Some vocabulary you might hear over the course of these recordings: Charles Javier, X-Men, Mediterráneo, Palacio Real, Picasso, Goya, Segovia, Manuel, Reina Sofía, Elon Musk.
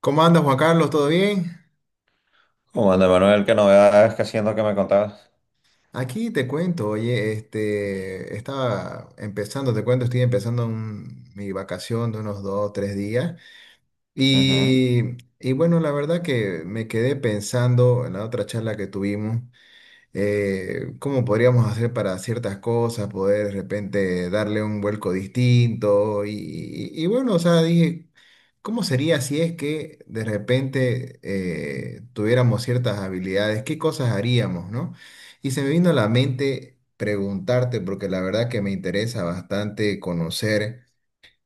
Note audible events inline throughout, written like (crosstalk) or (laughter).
¿Cómo andas, Juan Carlos? ¿Todo bien? ¿Cómo anda, Manuel? ¿Qué novedades? ¿Qué haciendo? ¿Qué me contabas? Aquí te cuento, oye, estaba empezando, te cuento, estoy empezando mi vacación de unos dos, tres días. Ujú, Y bueno, la verdad que me quedé pensando en la otra charla que tuvimos cómo podríamos hacer para ciertas cosas, poder de repente darle un vuelco distinto. Y bueno, o sea, dije, ¿cómo sería si es que de repente tuviéramos ciertas habilidades? ¿Qué cosas haríamos, no? Y se me vino a la mente preguntarte, porque la verdad que me interesa bastante conocer.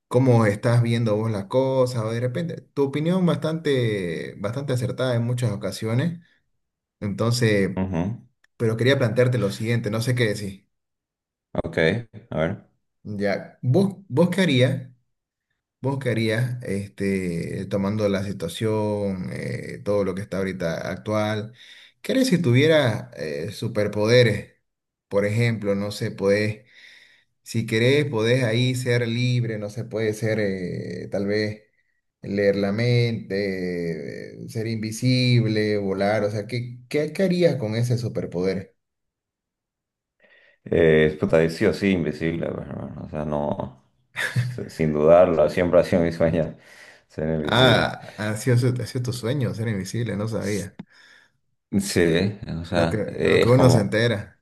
¿Cómo estás viendo vos las cosas? O de repente, tu opinión bastante, bastante acertada en muchas ocasiones. Entonces, ujú. pero quería plantearte lo siguiente, no sé qué decir. Ok, a ver. Ya, ¿vos qué harías? ¿Vos qué harías, tomando la situación, todo lo que está ahorita actual? ¿Qué harías si tuvieras superpoderes? Por ejemplo, no sé, podés, si querés, podés ahí ser libre, no sé, puede ser tal vez leer la mente, ser invisible, volar, o sea, ¿qué harías con ese superpoder? Puta, sí o sí, invisible, pues, hermano. O sea, no, sin dudarlo, siempre ha sido mi sueño ser invisible. Ah, ha sido tu sueño ser invisible, no sabía. Sí, o Lo sea, que, lo que es uno se como, entera.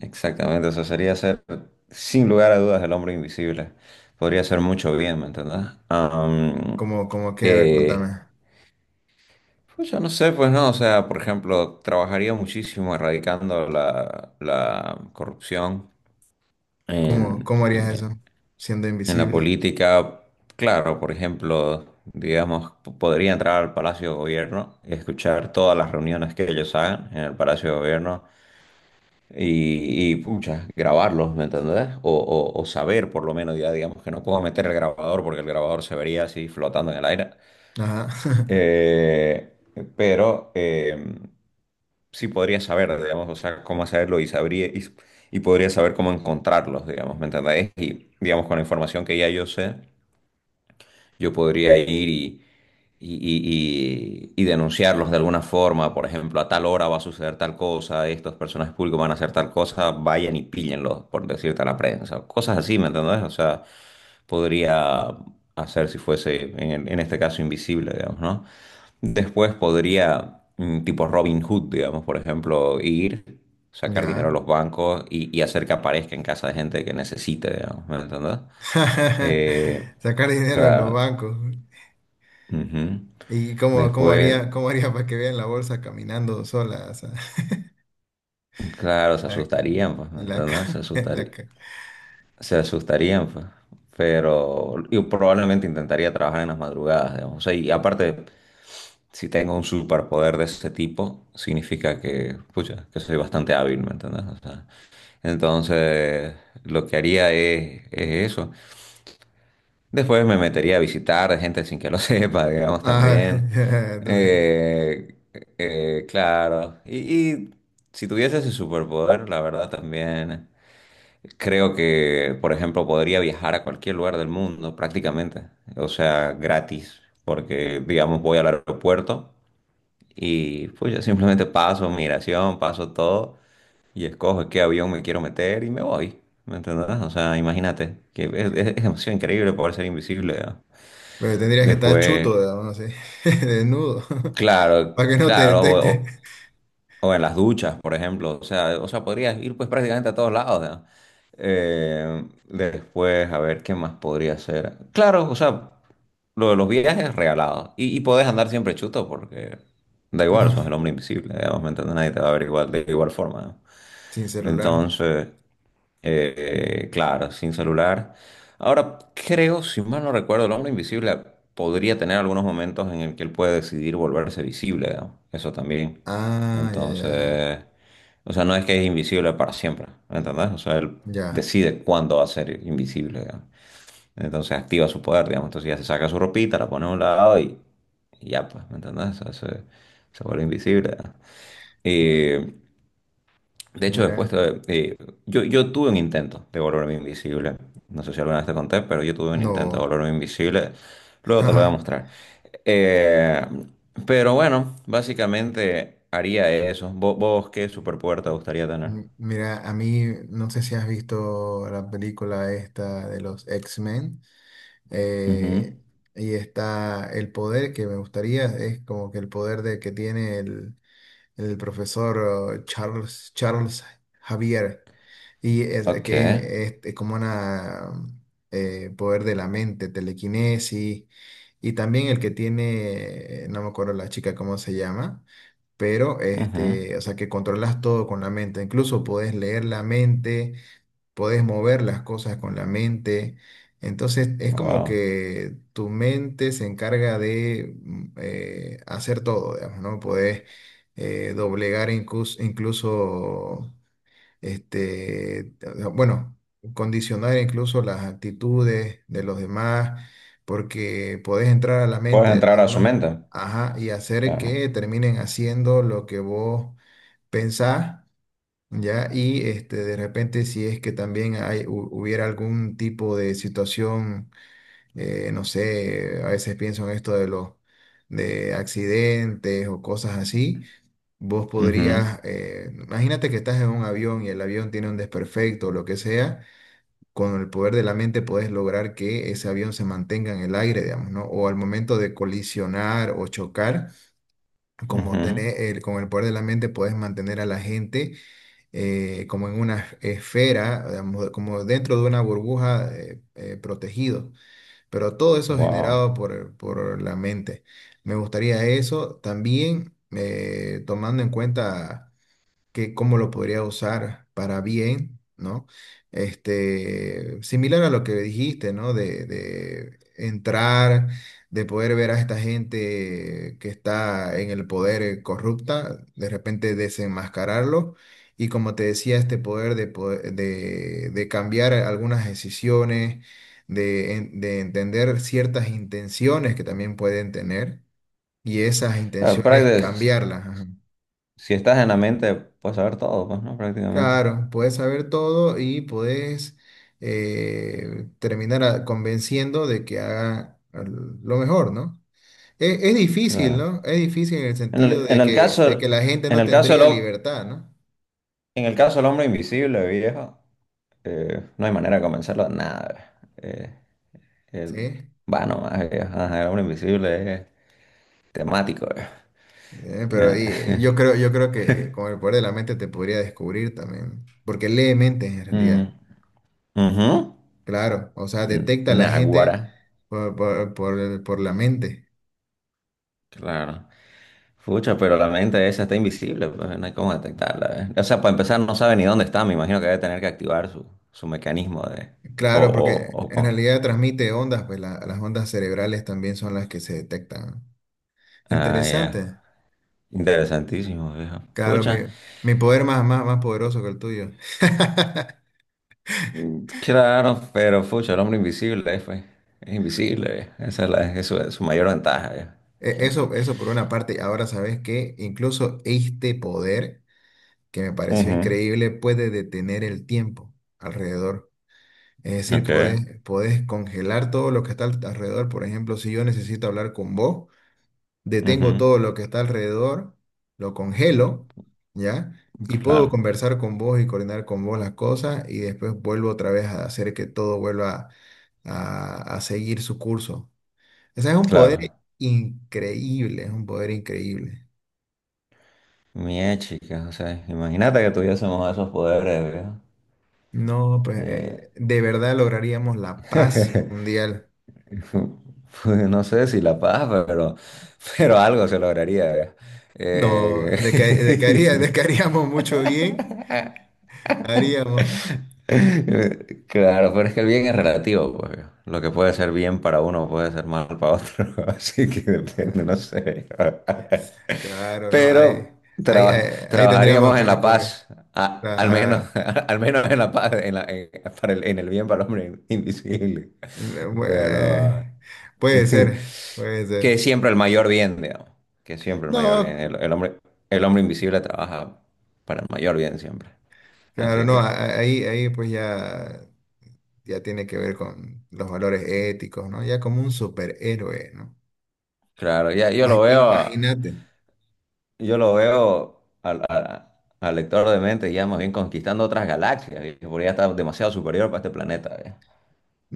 exactamente, eso sería ser, sin lugar a dudas, el hombre invisible. Podría ser mucho bien, ¿me entendés? Como que, a ver, contame. eh, Pues yo no sé, pues no, o sea, por ejemplo, trabajaría muchísimo erradicando la corrupción ¿Cómo, en, cómo harías en- eso? Siendo en la invisible. política. Claro, por ejemplo, digamos, podría entrar al Palacio de Gobierno, escuchar todas las reuniones que ellos hagan en el Palacio de Gobierno y pucha, grabarlos, ¿me entendés? O o saber, por lo menos, ya digamos que no puedo meter el grabador porque el grabador se vería así flotando en el aire. Ajá. (laughs) Eh, pero, em, sí podría saber, digamos, o sea, cómo hacerlo y sabría y podría saber cómo encontrarlos, digamos, ¿me entendéis? Y digamos, con la información que ya yo sé. Yo podría ir y denunciarlos de alguna forma, por ejemplo, a tal hora va a suceder tal cosa, estos personajes públicos van a hacer tal cosa, vayan y píllenlos, por decirte a la prensa, cosas así, ¿me entendés? O sea, podría hacer si fuese, en este caso, invisible, digamos, ¿no? Después podría, mm, tipo Robin Hood, digamos, por ejemplo, ir, sacar dinero a Ya. los bancos y hacer que aparezca en casa de gente que necesite, digamos, ¿me entendés? (laughs) Eh, Sacar dinero de los claro. bancos. Ujú. ¿Y cómo, cómo Después, haría, cómo haría para que vean la bolsa caminando sola? O sea. (laughs) claro, se la, asustarían, pues, ¿me en la, entiendes? Ca- (laughs) en la ca- Se asustarían, pues. Pero yo probablemente intentaría trabajar en las madrugadas, digamos. O sea, y aparte, si tengo un superpoder de ese tipo, significa que, pucha, que soy bastante hábil, ¿me entiendes? O sea, entonces, lo que haría es eso. Después me metería a visitar gente sin que lo (laughs) sepa, digamos, Ah, también. (laughs) ok. Eh, claro. Y si tuviese ese superpoder, la verdad también creo que, por ejemplo, podría viajar a cualquier lugar del mundo prácticamente. O sea, gratis. Porque, digamos, voy al aeropuerto y pues yo simplemente paso migración, paso todo y escojo en qué avión me quiero meter y me voy. ¿Me entendés? O sea, imagínate que es, es demasiado increíble poder ser invisible, ¿no? Pero tendrías que estar Después, chuto, digamos, no sé, (laughs) desnudo, (laughs) claro, para que no te claro, detecte. O en las duchas, por ejemplo. O sea, podrías ir pues prácticamente a todos lados, ¿no? Después, a ver, ¿qué más podría ser? Claro, o sea, lo de los viajes regalados. Y podés andar siempre chuto porque da igual, sos el (laughs) hombre invisible, digamos, ¿me entiendes? Nadie te va a ver igual, de igual forma, ¿no? Sin celular. Entonces, claro, sin celular. Ahora, creo, si mal no recuerdo, el hombre invisible podría tener algunos momentos en el que él puede decidir volverse visible, ¿no? Eso también. Ah, ya, ya, ya. Entonces, o sea, no es que es invisible para siempre, ¿me entendés? O sea, él Ya. decide cuándo va a ser invisible, digamos. Entonces activa su poder, digamos. Entonces ya se saca su ropita, la pone a un lado y ya, pues, ¿me entendés? O sea, se vuelve invisible, ¿no? Ah, Eh, de hecho, mira. Yo tuve un intento de volverme invisible. No sé si alguna vez te conté, pero yo tuve un intento de No. volverme invisible. Luego te lo voy a (laughs) mostrar. Eh, pero bueno, básicamente haría eso. ¿Vos, qué superpoder te gustaría tener? Mira, a mí no sé si has visto la película esta de los X-Men. Ujú. eh, y está el poder que me gustaría, es como que el poder de que tiene el profesor oh, Charles Javier. Y es, Ok. que es como una poder de la mente, telequinesis. Y también el que tiene, no me acuerdo la chica cómo se llama, pero Ujú. O sea que controlas todo con la mente. Incluso podés leer la mente, podés mover las cosas con la mente. Entonces es como Wow. que tu mente se encarga de hacer todo, digamos, ¿no? Podés doblegar incluso este, bueno, condicionar incluso las actitudes de los demás, porque podés entrar a la mente Puedes de los entrar a su demás, mente. ajá, y hacer Claro. que terminen haciendo lo que vos pensás. ¿Ya? Y de repente si es que también hubiera algún tipo de situación, no sé, a veces pienso en esto de los de accidentes o cosas así, vos Ujú. podrías, imagínate que estás en un avión y el avión tiene un desperfecto o lo que sea, con el poder de la mente puedes lograr que ese avión se mantenga en el aire, digamos, ¿no? O al momento de colisionar o chocar, como Ujú. tener el, con el poder de la mente puedes mantener a la gente como en una esfera, digamos, como dentro de una burbuja protegido, pero todo eso Wow. generado por la mente. Me gustaría eso también tomando en cuenta que cómo lo podría usar para bien, ¿no? Similar a lo que dijiste, ¿no? De entrar, de poder ver a esta gente que está en el poder corrupta, de repente desenmascararlo. Y como te decía, este poder de cambiar algunas decisiones, de entender ciertas intenciones que también pueden tener y esas Claro, intenciones cambiarlas. Ajá. si estás en la mente, puedes saber todo, pues, ¿no? Prácticamente. Claro, puedes saber todo y puedes terminar convenciendo de que haga lo mejor, ¿no? Es difícil, Claro. ¿no? Es difícil en el En sentido el, en de el que, de que caso, la gente en no el caso tendría libertad, ¿no? en el caso del hombre invisible, viejo, no hay manera de convencerlo de nada. El, Sí. va nomás, viejo. Ajá, el hombre invisible es temático, viejo. Pero Eh, ahí, yo creo, que con el poder de la mente te podría descubrir también, porque lee mentes en mm, realidad. ujú. Claro, o sea, Mm, detecta a la gente Náguara, por la mente. claro. Fucha, pero la mente esa está invisible, pues no hay cómo detectarla, eh. O sea, para empezar, no sabe ni dónde está. Me imagino que debe tener que activar su, su mecanismo de. O, Claro, porque o, o en con- realidad transmite ondas, pues la- las ondas cerebrales también son las que se detectan, ¿no? Ah, ya. Interesante. Interesantísimo, viejo. Claro, mi, Fucha. mi poder más poderoso que el tuyo. (laughs) Mm, claro, pero pucha, el hombre invisible fue. Es invisible, eh. Esa es, es su, su mayor ventaja, eh. E- Gen- Eso, eso por una parte. Ahora sabes que incluso este poder, que me pareció Ujú. increíble, puede detener el tiempo alrededor. Es decir, Ok. podés congelar todo lo que está alrededor. Por ejemplo, si yo necesito hablar con vos. Detengo Ujú. todo lo que está alrededor, lo congelo, ¿ya? Y puedo Claro, conversar con vos y coordinar con vos las cosas y después vuelvo otra vez a hacer que todo vuelva a seguir su curso. O sea, es un poder claro. increíble, es un poder increíble. Mía chica, o sea, imagínate que tuviésemos esos poderes, No, pues de verdad lograríamos la paz mundial. viejo. (laughs) Pues, no sé si la paz, pero algo se lograría, viejo. No, de que, de que haría- de Eh, que (laughs) haríamos mucho bien, haríamos. (laughs) claro, pero es que el bien es relativo, pues. Lo que puede ser bien para uno puede ser mal para otro, (laughs) así que depende, no Ah, sé. (laughs) claro, no, ahí, Pero ahí, ahí ahí tendríamos trabajaríamos en que la recorrer. paz, al menos, Claro. (laughs) al menos en la paz, para el, en el bien para el hombre invisible. Eh, Bu- Pero Eh, puede eh, ser, puede (laughs) que ser. siempre el mayor bien, digamos, que siempre el mayor bien. No, El hombre invisible trabaja para el mayor bien siempre. claro, Así no, a- que, a- ahí, ahí pues ya, ya tiene que ver con los valores éticos, ¿no? Ya como un superhéroe, ¿no? claro, ya yo Ima- lo veo. Imagínate. Yo lo veo al, al lector de mente ya más bien conquistando otras galaxias, ¿viste? Porque ya está demasiado superior para este planeta, ¿eh?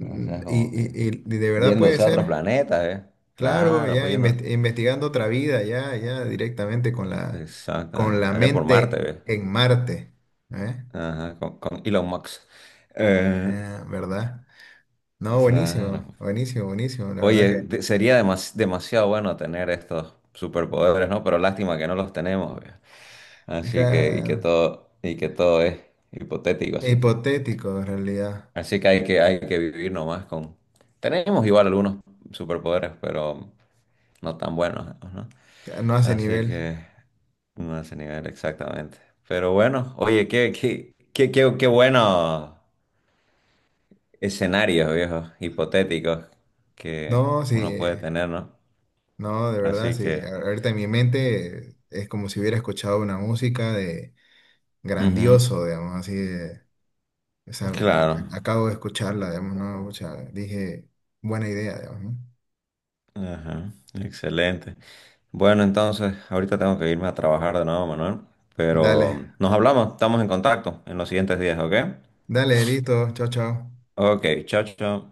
O sea, es Y, como que y de verdad puede yéndose a otros ser, planetas, ¿eh? claro, Claro, ya pues yendo. Investigando otra vida, ya, ya directamente Exacto, con ¿eh? la Allá por mente Marte, ¿eh? en Marte, ¿eh? Ajá, con Elon Musk. Eh, ¿Verdad? No, buenísimo, claro. buenísimo, buenísimo, la verdad Oye, sería demasiado bueno tener estos superpoderes, ¿no? Pero lástima que no los tenemos, ¿eh? Así que, acá, y que todo es hipotético, así que. hipotético en realidad, Así que hay que, hay que vivir nomás con... Tenemos igual algunos superpoderes, pero no tan buenos, ¿no? no hace Así nivel. que no a ese nivel exactamente. Pero bueno, oye, qué, qué, qué, qué, qué buenos escenarios, viejos, hipotéticos que No, sí, uno puede tener, ¿no? no, de verdad, Así sí. que, Ahorita en mi mente es como si hubiera escuchado una música de ujú, grandioso, digamos, así de, o sea, claro. Acabo de escucharla, digamos, ¿no? Pucha, dije, buena idea, digamos, ¿no? Ajá, excelente. Bueno, entonces, ahorita tengo que irme a trabajar de nuevo, Manuel, Dale, pero nos hablamos, estamos en contacto en los siguientes días, ¿ok? dale, listo, chao, chao. Ok, chao, chao.